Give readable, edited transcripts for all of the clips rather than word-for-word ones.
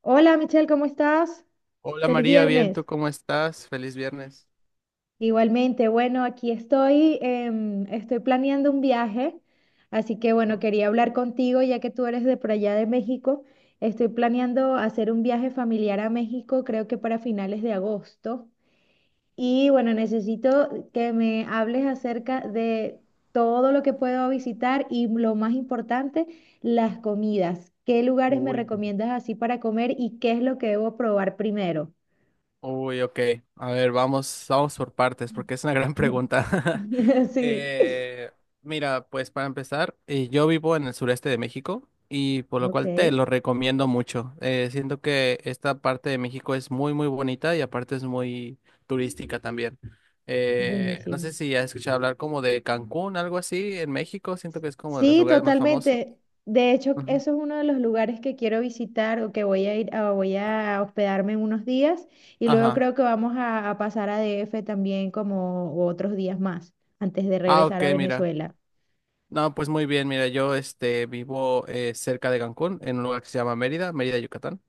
Hola Michelle, ¿cómo estás? Hola Feliz María, bien, viernes. ¿tú cómo estás? Feliz viernes. Igualmente, bueno, aquí estoy, estoy planeando un viaje, así que bueno, ¿No? quería hablar contigo ya que tú eres de por allá de México. Estoy planeando hacer un viaje familiar a México, creo que para finales de agosto. Y bueno, necesito que me hables acerca de todo lo que puedo visitar y lo más importante, las comidas. ¿Qué lugares me Uy, recomiendas así para comer y qué es lo que debo probar primero? Uy, ok. A ver, vamos por partes, porque es una gran pregunta. Sí, Eh, mira, pues para empezar, yo vivo en el sureste de México y por lo ok, cual te lo recomiendo mucho. Siento que esta parte de México es muy, muy bonita y aparte es muy turística también. No sé buenísimo. si has escuchado hablar como de Cancún, algo así, en México. Siento que es como de los Sí, lugares más famosos. totalmente. De hecho, Ujú. eso es uno de los lugares que quiero visitar o que voy a ir, voy a hospedarme unos días y luego Ajá. creo que vamos a pasar a DF también como otros días más antes de Ah, regresar ok, a mira. Venezuela. No, pues muy bien, mira, yo vivo cerca de Cancún, en un lugar que se llama Mérida, Mérida, Yucatán,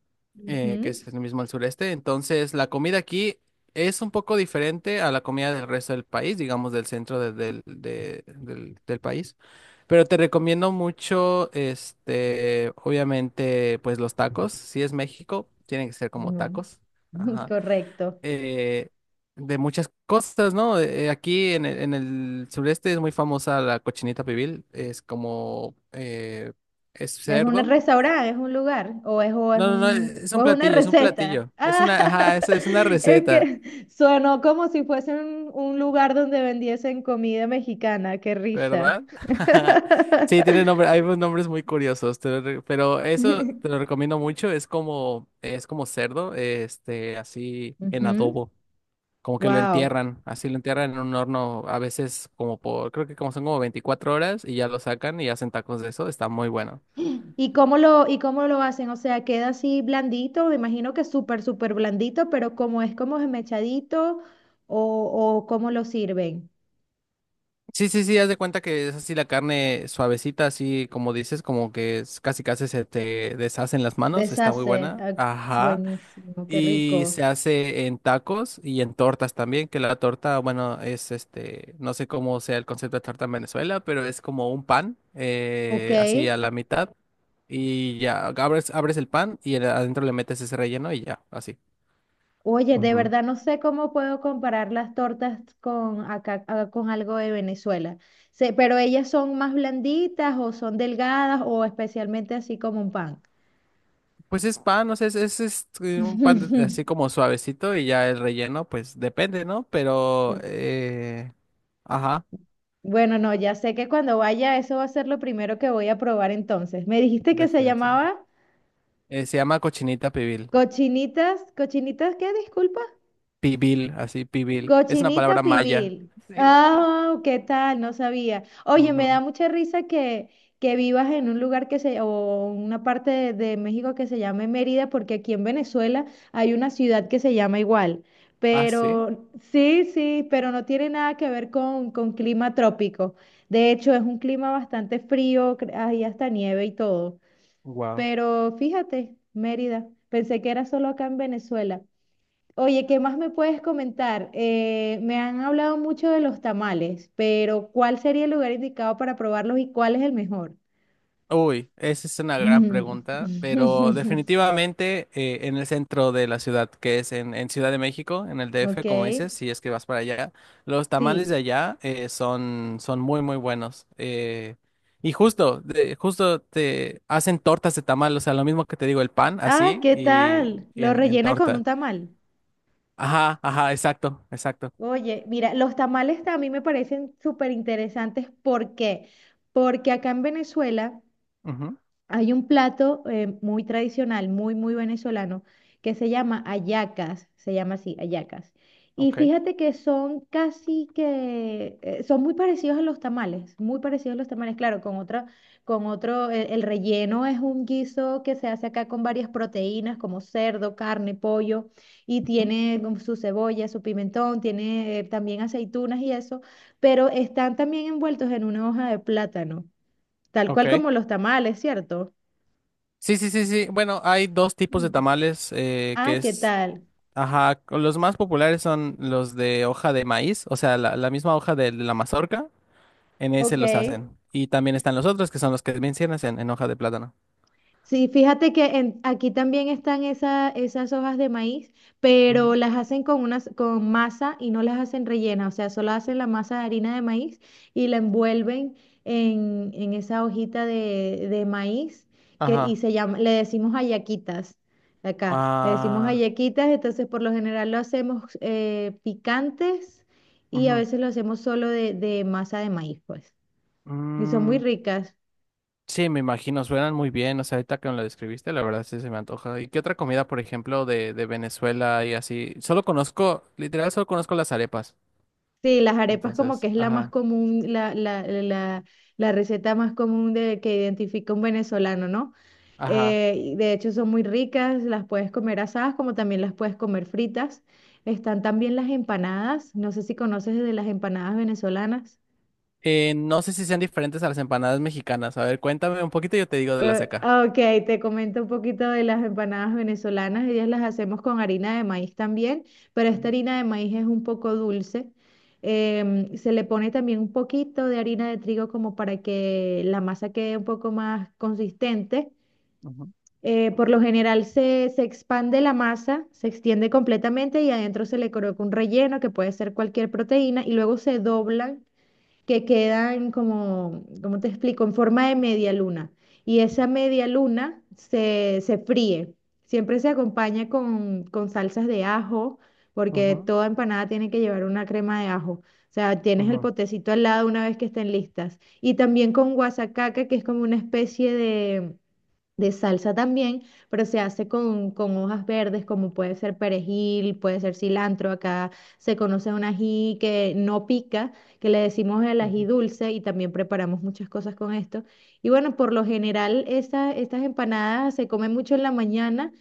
que Ujú. es el mismo al sureste. Entonces, la comida aquí es un poco diferente a la comida del resto del país, digamos del centro del país. Pero te recomiendo mucho, obviamente, pues los tacos. Si es México, tienen que ser como Ujú. tacos. Ajá. Correcto. Eh, de muchas cosas, ¿no? Aquí en el sureste es muy famosa la cochinita pibil, es como, es Es un cerdo. restaurante, es un lugar, No, no, no, es o un es una platillo, es un receta. platillo. Es Ah, una, ajá, es una es receta, que sonó como si fuese un lugar donde vendiesen comida mexicana, qué risa. ¿verdad? Sí, tiene nombre, hay unos nombres muy curiosos, pero eso te lo recomiendo mucho, es como cerdo, así en Ujú. adobo. Como que lo Wow. entierran, así lo entierran en un horno, a veces como por, creo que como son como 24 horas y ya lo sacan y hacen tacos de eso, está muy bueno. ¿Y y cómo lo hacen? O sea, queda así blandito, me imagino que súper, súper blandito, pero como es como esmechadito, o cómo lo sirven. Sí, sí, sí, haz de cuenta que es así la carne suavecita, así como dices, como casi casi se te deshacen las manos, está muy Deshace. buena. Ah, Ajá. buenísimo, qué Y rico. se hace en tacos y en tortas también, que la torta, bueno, es no sé cómo sea el concepto de torta en Venezuela, pero es como un pan, Ok. Así a la mitad, y ya, abres el pan adentro le metes ese relleno y ya, así. Oye, de Ujú. verdad no sé cómo puedo comparar las tortas con acá, ah, con algo de Venezuela. Sé, pero ellas son más blanditas o son delgadas o especialmente así como un pan. Pues es pan, o sea, es un pan así como suavecito y ya el relleno, pues depende, ¿no? Pero, ajá, Bueno, no, ya sé que cuando vaya eso va a ser lo primero que voy a probar entonces. Me dijiste que se definitivamente. llamaba Se llama cochinita pibil. cochinitas, cochinitas, ¿qué? Disculpa. Pibil, así, pibil. Es una Cochinita palabra maya. pibil. Sí. Ah, oh, ¿qué tal? No sabía. Oye, me da Ujú. mucha risa que vivas en un lugar o una parte de México que se llame Mérida, porque aquí en Venezuela hay una ciudad que se llama igual. Ah, sí. Pero sí, sí, pero no tiene nada que ver con clima trópico. De hecho, es un clima bastante frío, hay hasta nieve y todo. Wow. Pero fíjate, Mérida, pensé que era solo acá en Venezuela. Oye, ¿qué más me puedes comentar? Me han hablado mucho de los tamales, pero ¿cuál sería el lugar indicado para probarlos y cuál es el mejor? Uy, esa es una gran Mm. pregunta, pero definitivamente en el centro de la ciudad, que es en Ciudad de México, en el Ok, DF, como dices, si es que vas para allá, los tamales de sí. allá son muy, muy buenos. Y justo te hacen tortas de tamal, o sea, lo mismo que te digo, el pan, Ah, así, ¿qué y, tal? y Lo en, rellena con un torta. tamal. Ajá, ajá, exacto, exacto. Oye, mira, los tamales a mí me parecen súper interesantes. ¿Por qué? Porque acá en Venezuela Ujú, hay un plato muy tradicional, muy, muy venezolano, que se llama hallacas, se llama así, hallacas. Y ok. fíjate que son casi que, son muy parecidos a los tamales, muy parecidos a los tamales, claro, con otro, el relleno es un guiso que se hace acá con varias proteínas como cerdo, carne, pollo, y tiene como su cebolla, su pimentón, tiene también aceitunas y eso, pero están también envueltos en una hoja de plátano, tal cual Ok. como los tamales, ¿cierto? Sí, sí, sí, sí. Bueno, hay dos tipos de Mm. tamales, Ah, ¿qué tal? ajá, los más populares son los de hoja de maíz, o sea, la misma hoja de la mazorca, en ese Ok. los hacen. Y también están los otros que son los que mencionas en hoja de plátano. Sí, fíjate que aquí también están esas hojas de maíz, Ujú. pero las hacen con con masa y no las hacen rellenas, o sea, solo hacen la masa de harina de maíz y la envuelven en esa hojita de maíz y Ajá. se llama, le decimos hallaquitas, acá, le decimos Ah, hallaquitas, entonces por lo general lo hacemos picantes y a ujú. veces lo hacemos solo de masa de maíz, pues, y son muy Mm, ricas. sí, me imagino, suenan muy bien, o sea, ahorita que me lo describiste, la verdad sí se me antoja. ¿Y qué otra comida, por ejemplo, de Venezuela y así? Solo conozco, literal, solo conozco las arepas. Sí, las arepas como que Entonces, es la más ajá. común, la receta más común que identifica un venezolano, ¿no? Ajá. Y de hecho son muy ricas, las puedes comer asadas como también las puedes comer fritas. Están también las empanadas, no sé si conoces de las empanadas venezolanas. No sé si sean diferentes a las empanadas mexicanas. A ver, cuéntame un poquito y yo te digo de las de acá. Ah, ok, te comento un poquito de las empanadas venezolanas. Ellas las hacemos con harina de maíz también, pero esta harina de maíz es un poco dulce. Se le pone también un poquito de harina de trigo como para que la masa quede un poco más consistente. Por lo general se expande la masa, se extiende completamente y adentro se le coloca un relleno que puede ser cualquier proteína y luego se doblan que quedan como, ¿cómo te explico? En forma de media luna. Y esa media luna se fríe. Siempre se acompaña con salsas de ajo, porque toda empanada tiene que llevar una crema de ajo. O sea, tienes el potecito al lado una vez que estén listas. Y también con guasacaca, que es como una especie de salsa también, pero se hace con hojas verdes como puede ser perejil, puede ser cilantro. Acá se conoce un ají que no pica, que le decimos el ají dulce y también preparamos muchas cosas con esto. Y bueno, por lo general estas empanadas se comen mucho en la mañana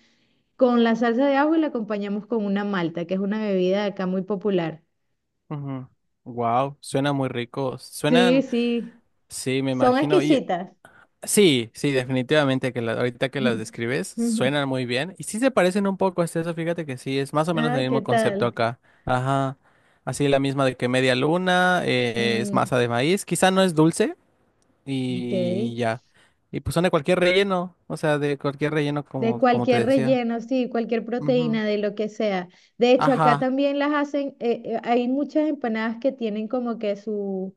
con la salsa de ajo y la acompañamos con una malta, que es una bebida de acá muy popular. Wow, suena muy rico. Sí, Suenan, sí, sí, me son imagino. Y exquisitas. sí, sí, definitivamente ahorita que las describes, suenan muy bien. Y sí se parecen un poco a eso, fíjate que sí, es más o menos el Ay, ¿qué mismo concepto tal? acá. Ajá. Así la misma de que media luna, es Mm, masa de maíz. Quizá no es dulce, ok. y ya. Y pues son de cualquier relleno, o sea, de cualquier relleno De como te cualquier decía. relleno, sí, cualquier Ujú. proteína, de lo que sea. De hecho, acá Ajá. también las hacen, hay muchas empanadas que tienen como que su,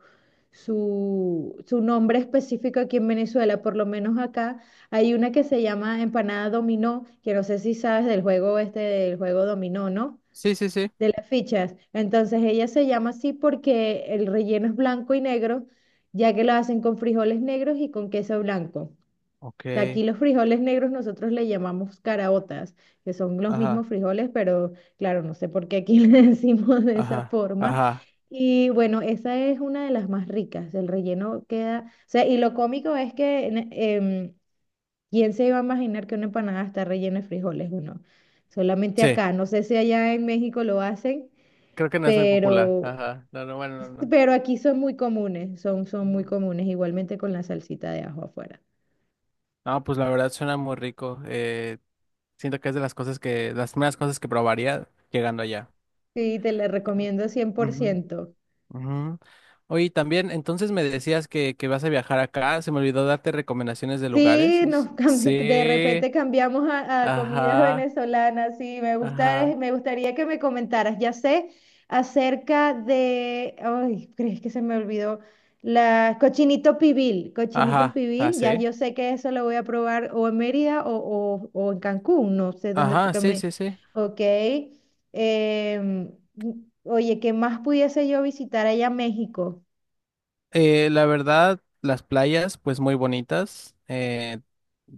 su, su nombre específico aquí en Venezuela, por lo menos acá hay una que se llama empanada dominó, que no sé si sabes del juego este, del juego dominó, ¿no? Sí, sí, sí. De las fichas. Entonces ella se llama así porque el relleno es blanco y negro, ya que lo hacen con frijoles negros y con queso blanco. O sea, Ok. aquí los frijoles negros nosotros le llamamos caraotas, que son los Ajá. mismos frijoles, pero claro, no sé por qué aquí le decimos de esa Ajá. forma. Ajá. Y bueno, esa es una de las más ricas. El relleno queda, o sea, y lo cómico es que ¿quién se iba a imaginar que una empanada está rellena de frijoles? Bueno, solamente Sí. acá. No sé si allá en México lo hacen, Creo que no es muy popular. pero, Ajá. No, no, bueno, no, no. pero aquí son muy comunes, son muy Ujú. comunes, igualmente con la salsita de ajo afuera. No, pues la verdad suena muy rico. Siento que es de las primeras cosas que probaría llegando allá. Sí, te la recomiendo cien por Ujú, ciento. ujú. Oye, también, entonces me decías que vas a viajar acá. Se me olvidó darte recomendaciones de lugares. Sí, nos de Sí. repente cambiamos a comida Ajá, venezolana. Sí, me gusta, ajá, me gustaría que me comentaras. Ya sé acerca de, ay, crees que se me olvidó, la cochinito pibil. Cochinito ajá, pibil, ya así. yo sé que eso lo voy a probar o en Mérida o en Cancún, no sé dónde fue Ajá, que sí, me... sí, sí. Ok. Em, oye, ¿qué más pudiese yo visitar allá en México? La verdad, las playas, pues muy bonitas. eh,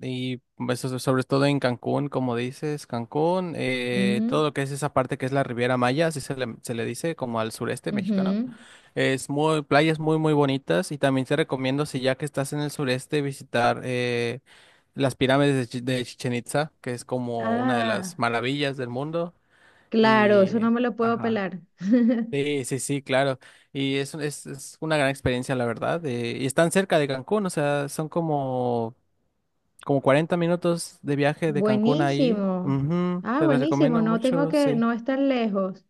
y eso, sobre todo en Cancún, como dices, Cancún, Mm, todo lo que es esa parte que es la Riviera Maya, así se le dice, como al sureste mexicano. ujú. Es muy, playas muy, muy bonitas. Y también te recomiendo, si ya que estás en el sureste, visitar las pirámides de Chichen Itza, que es como una de las Ah, maravillas del mundo. claro, eso Y, no me lo puedo ajá. pelar. Sí, sí, sí, claro. Y es una gran experiencia, la verdad. Y están cerca de Cancún, o sea, son como 40 minutos de viaje de Cancún ahí. Buenísimo. Ujú, Ah, te las buenísimo. recomiendo No tengo mucho, que, sí. no es tan lejos.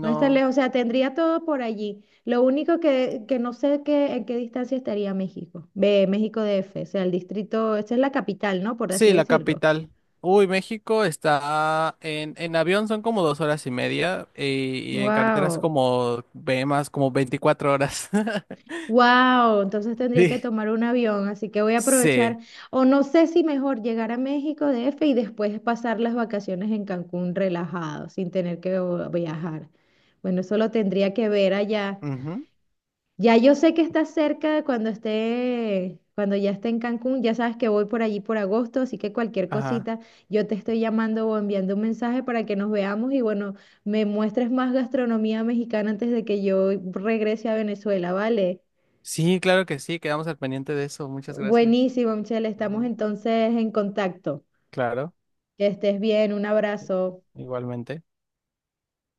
No es tan lejos. O sea, tendría todo por allí. Lo único que no sé qué, en qué distancia estaría México. Ve, México DF. O sea, el distrito, esa es la capital, ¿no? Por así Sí, la decirlo. capital. Uy, México está en avión son como 2 horas y media y en carreteras Wow. como ve más como 24 horas. Wow, entonces tendría que Sí. tomar un avión, así que voy a aprovechar, Sí. o no sé si mejor llegar a México DF y después pasar las vacaciones en Cancún relajado, sin tener que viajar. Bueno, eso lo tendría que ver allá. Ujú, Ya yo sé que está cerca de cuando ya esté en Cancún, ya sabes que voy por allí por agosto, así que cualquier ajá. cosita, yo te estoy llamando o enviando un mensaje para que nos veamos y bueno, me muestres más gastronomía mexicana antes de que yo regrese a Venezuela, ¿vale? Sí, claro que sí, quedamos al pendiente de eso. Muchas gracias. Buenísimo, Michelle. Estamos Ujú, entonces en contacto. claro, Que estés bien. Un i- abrazo. igualmente.